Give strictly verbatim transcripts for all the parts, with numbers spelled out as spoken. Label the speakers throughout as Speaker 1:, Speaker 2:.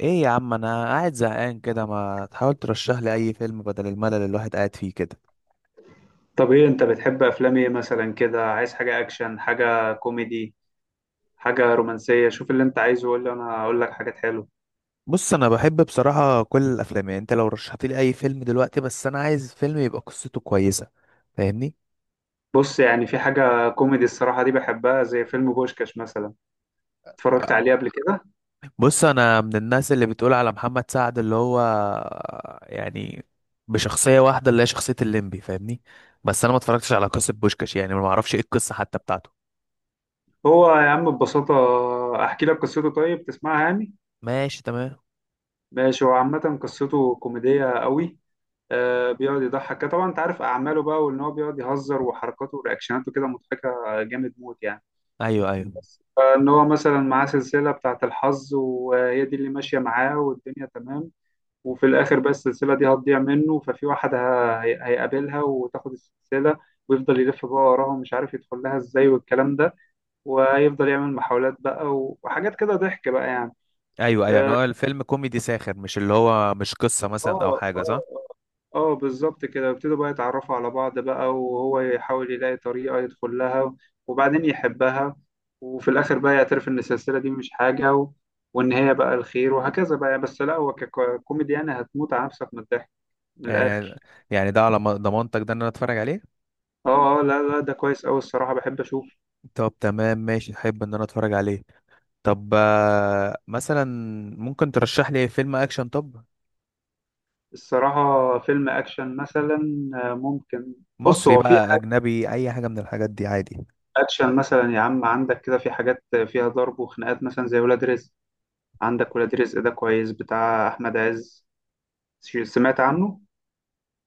Speaker 1: ايه يا عم، انا قاعد زهقان كده، ما تحاول ترشح لي اي فيلم بدل الملل اللي الواحد قاعد فيه كده.
Speaker 2: طب ايه انت بتحب افلام ايه مثلا كده؟ عايز حاجة اكشن، حاجة كوميدي، حاجة رومانسية؟ شوف اللي انت عايزه وقول لي، انا اقول لك حاجات حلوة.
Speaker 1: بص، انا بحب بصراحة كل الافلام، يعني انت لو رشحت لي اي فيلم دلوقتي، بس انا عايز فيلم يبقى قصته كويسة، فاهمني.
Speaker 2: بص، يعني في حاجة كوميدي الصراحة دي بحبها، زي فيلم بوشكاش مثلا. اتفرجت عليه قبل كده؟
Speaker 1: بص، انا من الناس اللي بتقول على محمد سعد اللي هو يعني بشخصية واحدة، اللي هي شخصية الليمبي، فاهمني. بس انا ما اتفرجتش على قصة بوشكاش، يعني ما اعرفش ايه القصة حتى بتاعته.
Speaker 2: هو يا عم ببساطة، احكي لك قصته؟ طيب تسمعها يعني؟
Speaker 1: ماشي تمام.
Speaker 2: ماشي. هو عامة قصته كوميدية قوي، آه بيقعد يضحك كده. طبعا انت عارف اعماله بقى، وان هو بيقعد يهزر وحركاته ورياكشناته كده مضحكة، جامد موت يعني.
Speaker 1: ايوه ايوه
Speaker 2: ان هو مثلا معاه سلسله بتاعه الحظ، وهي دي اللي ماشيه معاه والدنيا تمام. وفي الاخر بقى السلسله دي هتضيع منه، ففي واحد ه- هي- هيقابلها وتاخد السلسله، ويفضل يلف بقى وراها ومش عارف يدخل لها ازاي والكلام ده. وهيفضل يعمل محاولات بقى و- وحاجات كده، ضحك بقى يعني.
Speaker 1: ايوه ايوه يعني
Speaker 2: آه،
Speaker 1: هو الفيلم كوميدي ساخر، مش اللي هو مش قصة مثلا او
Speaker 2: اه،
Speaker 1: حاجة، صح؟
Speaker 2: اه، اه، آه، بالظبط كده. يبتدوا بقى يتعرفوا على بعض بقى، وهو يحاول يلاقي طريقة يدخل لها، وبعدين يحبها. وفي الآخر بقى يعترف إن السلسلة دي مش حاجة و... وإن هي بقى الخير، وهكذا بقى. بس لا، هو ككوميدي يعني هتموت على نفسك من الضحك، من
Speaker 1: يعني
Speaker 2: الآخر.
Speaker 1: يعني ده على ضم- ضمانتك، ده ان انا اتفرج عليه.
Speaker 2: اه اه، لا لا، ده كويس أوي الصراحة، بحب أشوف.
Speaker 1: طب تمام ماشي، احب ان انا اتفرج عليه. طب آه، مثلا ممكن ترشح لي فيلم اكشن؟ طب
Speaker 2: الصراحة فيلم أكشن مثلا، آه، ممكن. بص،
Speaker 1: مصري
Speaker 2: هو في
Speaker 1: بقى،
Speaker 2: حاجة
Speaker 1: اجنبي، اي حاجه من الحاجات دي عادي.
Speaker 2: أكشن مثلا يا عم، عندك كده في حاجات فيها ضرب وخناقات مثلا زي ولاد رزق. عندك ولاد رزق، ده كويس، بتاع احمد عز. ش- سمعت عنه؟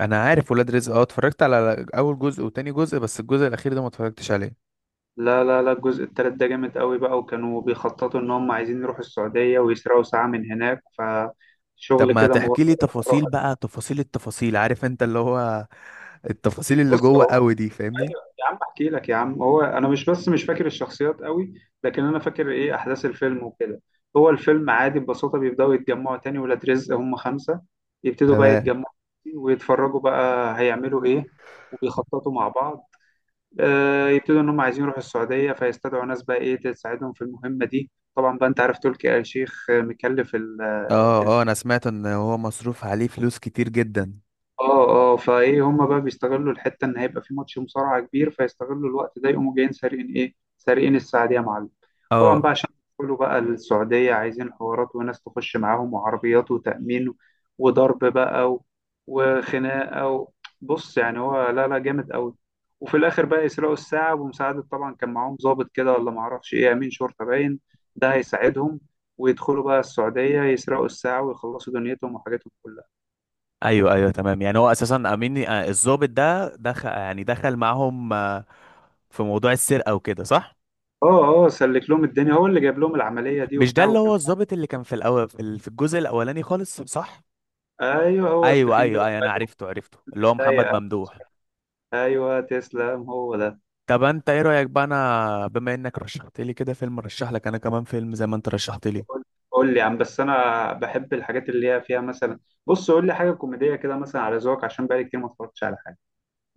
Speaker 1: انا عارف ولاد رزق، اه، اتفرجت على اول جزء وتاني جزء، بس الجزء الاخير ده ما اتفرجتش عليه.
Speaker 2: لا لا لا، الجزء التالت ده جامد قوي بقى، وكانوا بيخططوا ان هم عايزين يروحوا السعودية ويسرقوا ساعة من هناك،
Speaker 1: طب
Speaker 2: فشغل
Speaker 1: ما
Speaker 2: كده
Speaker 1: تحكي لي
Speaker 2: مغامرة.
Speaker 1: تفاصيل بقى، تفاصيل التفاصيل، عارف انت اللي هو التفاصيل اللي
Speaker 2: بص
Speaker 1: جوه
Speaker 2: هو،
Speaker 1: قوي دي، فاهمني.
Speaker 2: ايوه يا عم احكي لك يا عم. هو انا مش، بس مش فاكر الشخصيات قوي، لكن انا فاكر ايه احداث الفيلم وكده. هو الفيلم عادي ببساطة، بيبداوا يتجمعوا تاني. ولاد رزق هم خمسة، يبتدوا بقى
Speaker 1: تمام.
Speaker 2: يتجمعوا، ويتفرجوا بقى هيعملوا ايه، وبيخططوا مع بعض. آه، يبتدوا ان هم عايزين يروحوا السعوديه، فيستدعوا ناس بقى ايه تساعدهم في المهمه دي. طبعا بقى انت عارف تركي آل الشيخ آه، مكلف ال-
Speaker 1: اه اه، انا سمعت ان هو مصروف عليه فلوس كتير جدا.
Speaker 2: اه اه. فايه هما بقى بيستغلوا الحته ان هيبقى في ماتش مصارعه كبير، فيستغلوا الوقت ده يقوموا جايين سارقين ايه، سارقين السعديه يا معلم. طبعا بقى
Speaker 1: اه.
Speaker 2: عشان يدخلوا بقى السعوديه عايزين حوارات وناس تخش معاهم وعربيات وتامين، وضرب بقى و- وخناقه و... بص، يعني هو لا لا، جامد قوي. وفي الاخر بقى يسرقوا الساعه بمساعده. طبعا كان معاهم ضابط كده، ولا معرفش ايه، امين شرطه باين، ده هيساعدهم، ويدخلوا بقى السعوديه، يسرقوا الساعه ويخلصوا دنيتهم وحاجاتهم كلها.
Speaker 1: ايوه ايوه تمام، يعني هو اساسا امين آه، الضابط ده دخل، يعني دخل معاهم آه، في موضوع السرقه وكده، صح؟
Speaker 2: اه اه، سلك لهم الدنيا، هو اللي جايب لهم العمليه دي
Speaker 1: مش ده
Speaker 2: وبتاع،
Speaker 1: اللي
Speaker 2: وكان.
Speaker 1: هو الضابط اللي كان في الاول، في ال- في الجزء الاولاني خالص، صح؟
Speaker 2: ايوه هو
Speaker 1: ايوه
Speaker 2: التخين
Speaker 1: ايوه
Speaker 2: ده،
Speaker 1: ايوه، انا عرفته عرفته،
Speaker 2: اللي
Speaker 1: اللي هو
Speaker 2: اتضايق.
Speaker 1: محمد ممدوح.
Speaker 2: ايوه تسلم، هو ده.
Speaker 1: طب انت ايه رايك بقى؟ انا بما انك رشحت لي كده فيلم، رشح لك انا كمان فيلم زي ما انت رشحت لي.
Speaker 2: قول، قول لي يا عم. بس انا بحب الحاجات اللي هي فيها مثلا، بص قول لي حاجه كوميديه كده مثلا على ذوقك، عشان بقالي كتير ما اتفرجتش على حاجه.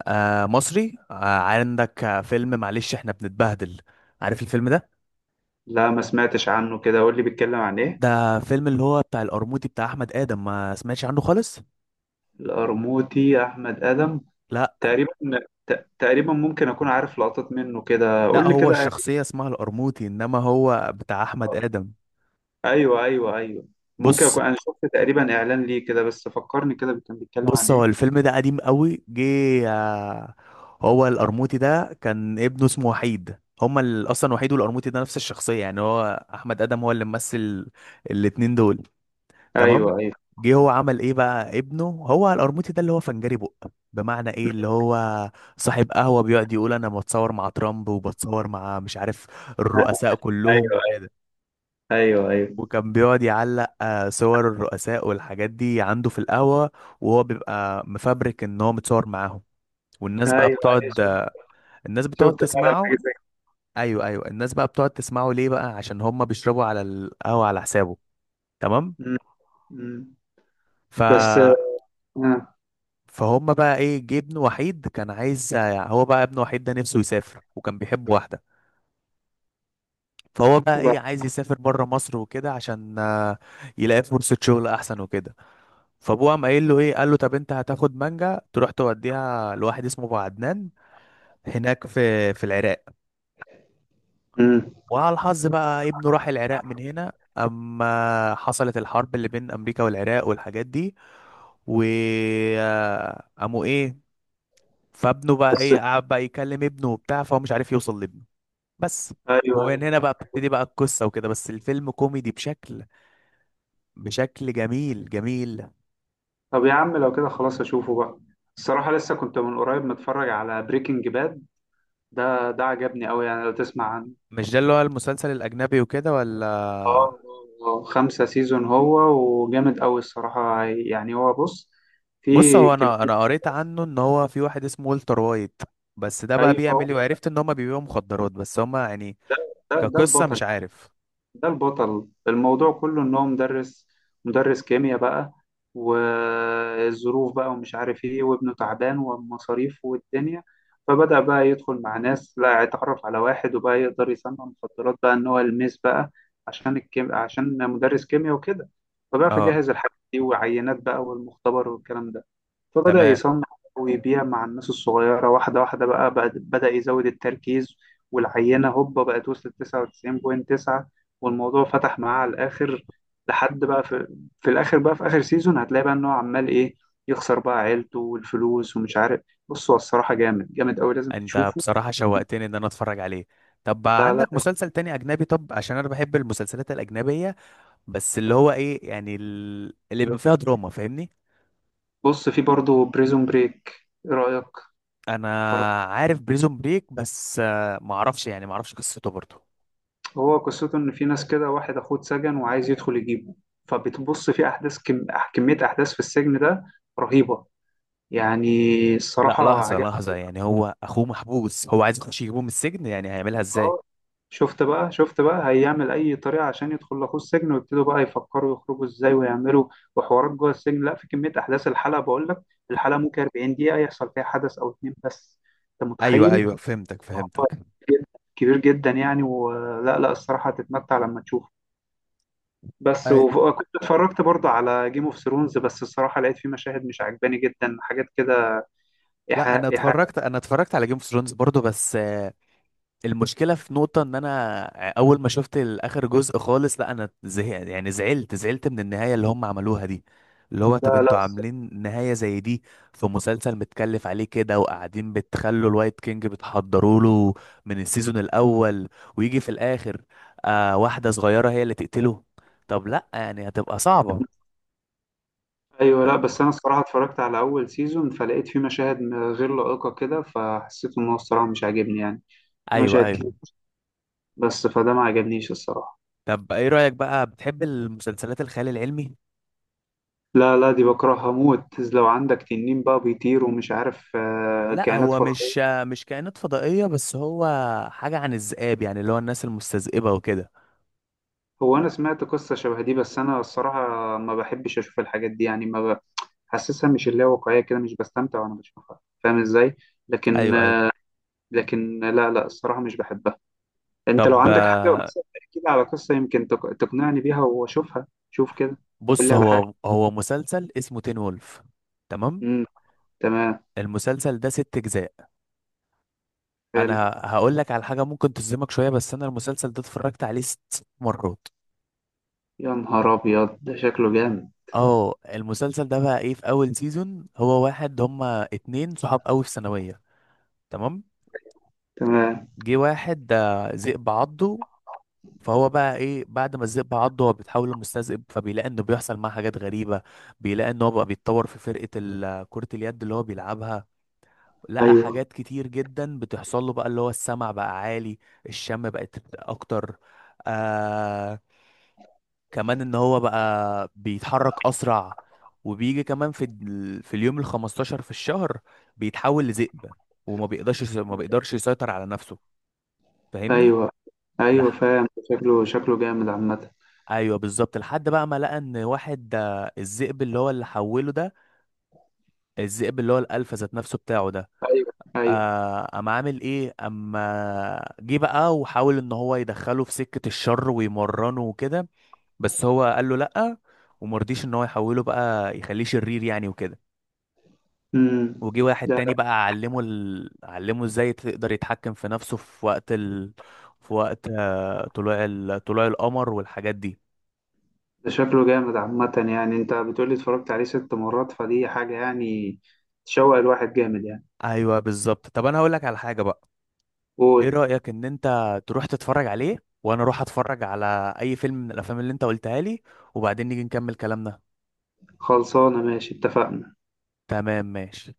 Speaker 1: آه مصري، آه، عندك آه، فيلم معلش احنا بنتبهدل، عارف الفيلم ده؟
Speaker 2: لا ما سمعتش عنه كده، قول لي بيتكلم عن ايه.
Speaker 1: ده فيلم اللي هو بتاع القرموطي، بتاع احمد ادم، ما سمعتش عنه خالص؟
Speaker 2: القرموطي احمد ادم،
Speaker 1: لا،
Speaker 2: تقريبا، ت- تقريبا ممكن اكون عارف لقطات منه كده،
Speaker 1: لا،
Speaker 2: قول لي
Speaker 1: هو
Speaker 2: كده.
Speaker 1: الشخصية اسمها القرموطي، انما هو بتاع احمد ادم.
Speaker 2: ايوه ايوه ايوه، ممكن
Speaker 1: بص،
Speaker 2: اكون انا شفت تقريبا اعلان ليه كده، بس فكرني كده كان بيتكلم عن
Speaker 1: بص، هو
Speaker 2: ايه.
Speaker 1: الفيلم ده قديم قوي، جه آه، هو القرموطي ده كان ابنه اسمه وحيد، هما ال- اصلا وحيد والقرموطي ده نفس الشخصية، يعني هو احمد ادم هو اللي ممثل الاتنين دول. تمام.
Speaker 2: ايوه ايوه
Speaker 1: جه هو عمل ايه بقى؟ ابنه هو القرموطي ده اللي هو فنجري بق، بمعنى ايه، اللي هو صاحب قهوة، بيقعد يقول انا بتصور مع ترامب، وبتصور مع مش عارف الرؤساء كلهم
Speaker 2: ايوه،
Speaker 1: وكده.
Speaker 2: ايوه ايوه،
Speaker 1: وكان بيقعد يعلق آه، صور الرؤساء والحاجات دي عنده في القهوة، وهو بيبقى مفبرك ان هو متصور معاهم، والناس
Speaker 2: ايوه
Speaker 1: بقى
Speaker 2: ايوه،
Speaker 1: بتقعد
Speaker 2: شفت.
Speaker 1: آه، الناس بتقعد
Speaker 2: شفت فعلا
Speaker 1: تسمعه.
Speaker 2: حاجه زي
Speaker 1: ايوه ايوه، الناس بقى بتقعد تسمعه ليه بقى؟ عشان هم بيشربوا على القهوة على حسابه. تمام.
Speaker 2: كده. م- م.
Speaker 1: ف،
Speaker 2: بس آه.
Speaker 1: فهم بقى ايه؟ جه ابن وحيد كان عايز آه، هو بقى ابن وحيد ده نفسه يسافر، وكان بيحب واحدة، فهو بقى ايه
Speaker 2: وبعد-
Speaker 1: عايز يسافر بره مصر وكده، عشان آه، يلاقي فرصة شغل احسن وكده. فابوه قام قايل له ايه؟ قال له طب انت هتاخد مانجا تروح توديها لواحد اسمه ابو عدنان هناك في في العراق.
Speaker 2: م.
Speaker 1: وعلى الحظ بقى ابنه راح العراق من هنا، اما حصلت الحرب اللي بين امريكا والعراق والحاجات دي، و آه، قاموا ايه، فابنه بقى
Speaker 2: بس.
Speaker 1: ايه قعد بقى يكلم ابنه وبتاع، فهو مش عارف يوصل لابنه بس.
Speaker 2: ايوه
Speaker 1: ومن
Speaker 2: ايوه.
Speaker 1: هنا بقى بتبتدي بقى القصة وكده، بس الفيلم كوميدي بشكل بشكل جميل جميل.
Speaker 2: طب يا عم لو كده خلاص اشوفه بقى. الصراحه لسه كنت من قريب متفرج على بريكنج باد، ده ده عجبني قوي يعني، لو تسمع عنه.
Speaker 1: مش ده اللي هو المسلسل الأجنبي وكده
Speaker 2: اه،
Speaker 1: ولا؟
Speaker 2: آه، آه. خمسة سيزون هو، وجامد قوي الصراحه. يعني هو بص، في
Speaker 1: بص هو، انا
Speaker 2: كميه.
Speaker 1: انا قريت عنه ان هو في واحد اسمه والتر وايت، بس ده بقى
Speaker 2: ايوه هو،
Speaker 1: بيعمل ايه؟ وعرفت ان هما بيبيعوا مخدرات، بس هما يعني
Speaker 2: ده ده
Speaker 1: كقصة
Speaker 2: البطل.
Speaker 1: مش عارف.
Speaker 2: ده البطل. الموضوع كله ان هو مدرس، مدرس كيمياء بقى، والظروف بقى ومش عارف ايه، وابنه تعبان والمصاريف والدنيا، فبدأ بقى يدخل مع ناس. لا، اتعرف على واحد، وبقى يقدر يصنع مخدرات بقى، ان هو يلمس بقى، عشان الكيم... عشان مدرس كيمياء وكده. فبقى في،
Speaker 1: اه.
Speaker 2: جهز الحاجات دي وعينات بقى والمختبر والكلام ده. فبدأ
Speaker 1: تمام.
Speaker 2: يصنع، ويبيع مع الناس الصغيرة واحدة واحدة بقى. بعد- بدأ يزود التركيز، والعينة هوبا بقت وصلت تسعة وتسعين فاصلة تسعة، والموضوع فتح معاه على الآخر. لحد بقى في، في الآخر بقى، في آخر سيزون هتلاقي بقى إن هو عمال إيه، يخسر بقى عيلته والفلوس ومش عارف. بص هو الصراحة جامد جامد أوي، لازم
Speaker 1: انت
Speaker 2: تشوفه.
Speaker 1: بصراحة شوقتني ان انا اتفرج عليه. طب بقى
Speaker 2: لا لا،
Speaker 1: عندك مسلسل تاني اجنبي؟ طب عشان انا بحب المسلسلات الاجنبية، بس اللي هو ايه، يعني ال- اللي بيبقى فيها دراما، فاهمني.
Speaker 2: بص في برضه بريزون بريك. إيه رأيك؟
Speaker 1: انا عارف بريزون بريك، بس آه، معرفش، يعني معرفش قصته برضه.
Speaker 2: هو قصته إن في ناس كده، واحد أخوه اتسجن وعايز يدخل يجيبه، فبتبص في أحداث كم... أح- كمية أحداث في السجن ده، رهيبة يعني،
Speaker 1: لا،
Speaker 2: الصراحة
Speaker 1: لحظة
Speaker 2: عجبني.
Speaker 1: لحظة، يعني هو اخوه محبوس، هو عايز يخش يجيبه من السجن، يعني هيعملها ازاي؟
Speaker 2: أه، شفت بقى، شفت بقى هيعمل أي طريقة عشان يدخل لأخوه السجن، ويبتدوا بقى يفكروا يخرجوا إزاي ويعملوا، وحوارات جوه السجن. لا في كمية أحداث، الحلقة بقول لك، الحلقة ممكن 40 دقيقة يحصل فيها حدث أو اتنين بس، أنت
Speaker 1: ايوه
Speaker 2: متخيل.
Speaker 1: ايوه، فهمتك
Speaker 2: هو
Speaker 1: فهمتك.
Speaker 2: كبير جدا يعني، ولا لا لا، الصراحة هتتمتع لما تشوف. بس
Speaker 1: أي...
Speaker 2: وكنت اتفرجت برضه على جيم اوف ثرونز، بس الصراحه لقيت فيه مشاهد مش عجباني جدا، حاجات كده،
Speaker 1: لا،
Speaker 2: ايحاء
Speaker 1: انا
Speaker 2: ايحاء.
Speaker 1: اتفرجت، انا اتفرجت على جيم اوف ثرونز برضو، بس آه، المشكله في نقطه ان انا آه، اول ما شفت اخر جزء خالص، لا انا زهقت، يعني زعلت زعلت من النهايه اللي هم عملوها دي، اللي هو
Speaker 2: لا
Speaker 1: طب
Speaker 2: لا،
Speaker 1: انتوا
Speaker 2: الص-
Speaker 1: عاملين نهايه زي دي في مسلسل متكلف عليه كده، وقاعدين بتخلوا الوايت كينج بتحضروا له من السيزون الاول، ويجي في الاخر آه واحده صغيره هي اللي تقتله؟ طب لا، يعني هتبقى صعبه.
Speaker 2: ايوه لا، بس انا الصراحه اتفرجت على اول سيزون، فلقيت فيه مشاهد م- غير لائقه كده، فحسيت ان هو الصراحه مش عاجبني يعني. في
Speaker 1: ايوه
Speaker 2: مشاهد
Speaker 1: ايوه.
Speaker 2: كتير بس، فده ما عجبنيش الصراحه.
Speaker 1: طب ايه رأيك بقى، بتحب المسلسلات الخيال العلمي؟
Speaker 2: لا لا، دي بكرهها موت. لو عندك تنين بقى بيطير ومش عارف آه،
Speaker 1: لا
Speaker 2: كائنات
Speaker 1: هو مش،
Speaker 2: فضائيه.
Speaker 1: مش كائنات فضائية، بس هو حاجة عن الذئاب، يعني اللي هو الناس المستذئبة وكده.
Speaker 2: هو انا سمعت قصه شبه دي، بس انا الصراحه ما بحبش اشوف الحاجات دي يعني، ما حاسسها، مش اللي هي واقعية كده، مش بستمتع وانا بشوفها، فاهم ازاي. لكن،
Speaker 1: ايوه ايوه.
Speaker 2: لكن لا لا، الصراحة مش بحبها. انت لو
Speaker 1: طب
Speaker 2: عندك حاجة
Speaker 1: آه،
Speaker 2: مثلا، احكي لي على قصة يمكن تق- تقنعني بيها واشوفها، شوف كده. قول
Speaker 1: بص
Speaker 2: لي على حاجة.
Speaker 1: هو، هو مسلسل اسمه تين وولف. تمام.
Speaker 2: امم، تمام.
Speaker 1: المسلسل ده ست اجزاء.
Speaker 2: حلو.
Speaker 1: انا هقول لك على حاجة ممكن تصدمك شوية، بس انا المسلسل ده اتفرجت عليه ست مرات.
Speaker 2: يا نهار ابيض، ده شكله جامد.
Speaker 1: اه، المسلسل ده بقى ايه، في اول سيزون هو واحد، هما اتنين صحاب قوي في ثانوية. تمام.
Speaker 2: تمام.
Speaker 1: جه واحد ده ذئب عضه، فهو بقى ايه بعد ما الذئب عضه، هو بيتحول لمستذئب، فبيلاقي انه بيحصل معاه حاجات غريبه، بيلاقي ان هو بقى بيتطور في فرقه ال- كره اليد اللي هو بيلعبها. لقى
Speaker 2: ايوه،
Speaker 1: حاجات كتير جدا بتحصل له بقى، اللي هو السمع بقى عالي، الشم بقت اكتر، آه، كمان ان هو بقى بيتحرك اسرع، وبيجي كمان في ال- في اليوم ال خمستاشر في الشهر بيتحول لذئب، وما بيقدرش ما بيقدرش يسيطر على نفسه، فاهمني.
Speaker 2: ايوه ايوه فاهم. شكله، شكله جامد عامة.
Speaker 1: ايوه بالظبط. لحد بقى ما لقى ان واحد آه، الذئب اللي هو اللي حوله ده، الذئب اللي هو الالفا ذات نفسه بتاعه ده،
Speaker 2: ايوه ايوه.
Speaker 1: آه، قام عامل ايه، اما جه بقى وحاول ان هو يدخله في سكة الشر ويمرنه وكده، بس هو قال له لأ، ومرضيش ان هو يحوله بقى يخليه شرير يعني وكده.
Speaker 2: امم.
Speaker 1: وجي واحد
Speaker 2: لا
Speaker 1: تاني
Speaker 2: لا،
Speaker 1: بقى علمه ال... علمه ازاي تقدر يتحكم في نفسه في وقت ال... في وقت آه، طلوع ال... طلوع القمر والحاجات دي.
Speaker 2: ده شكله جامد عامة يعني، انت بتقولي اتفرجت عليه ست مرات، فدي حاجة يعني تشوق الواحد جامد يعني.
Speaker 1: ايوه بالظبط. طب انا هقول لك على حاجة بقى، ايه
Speaker 2: قول.
Speaker 1: رأيك ان انت تروح تتفرج عليه، وانا اروح اتفرج على اي فيلم من الافلام اللي انت قلتها لي، وبعدين نيجي نكمل كلامنا.
Speaker 2: خلصانة، ماشي اتفقنا.
Speaker 1: تمام ماشي.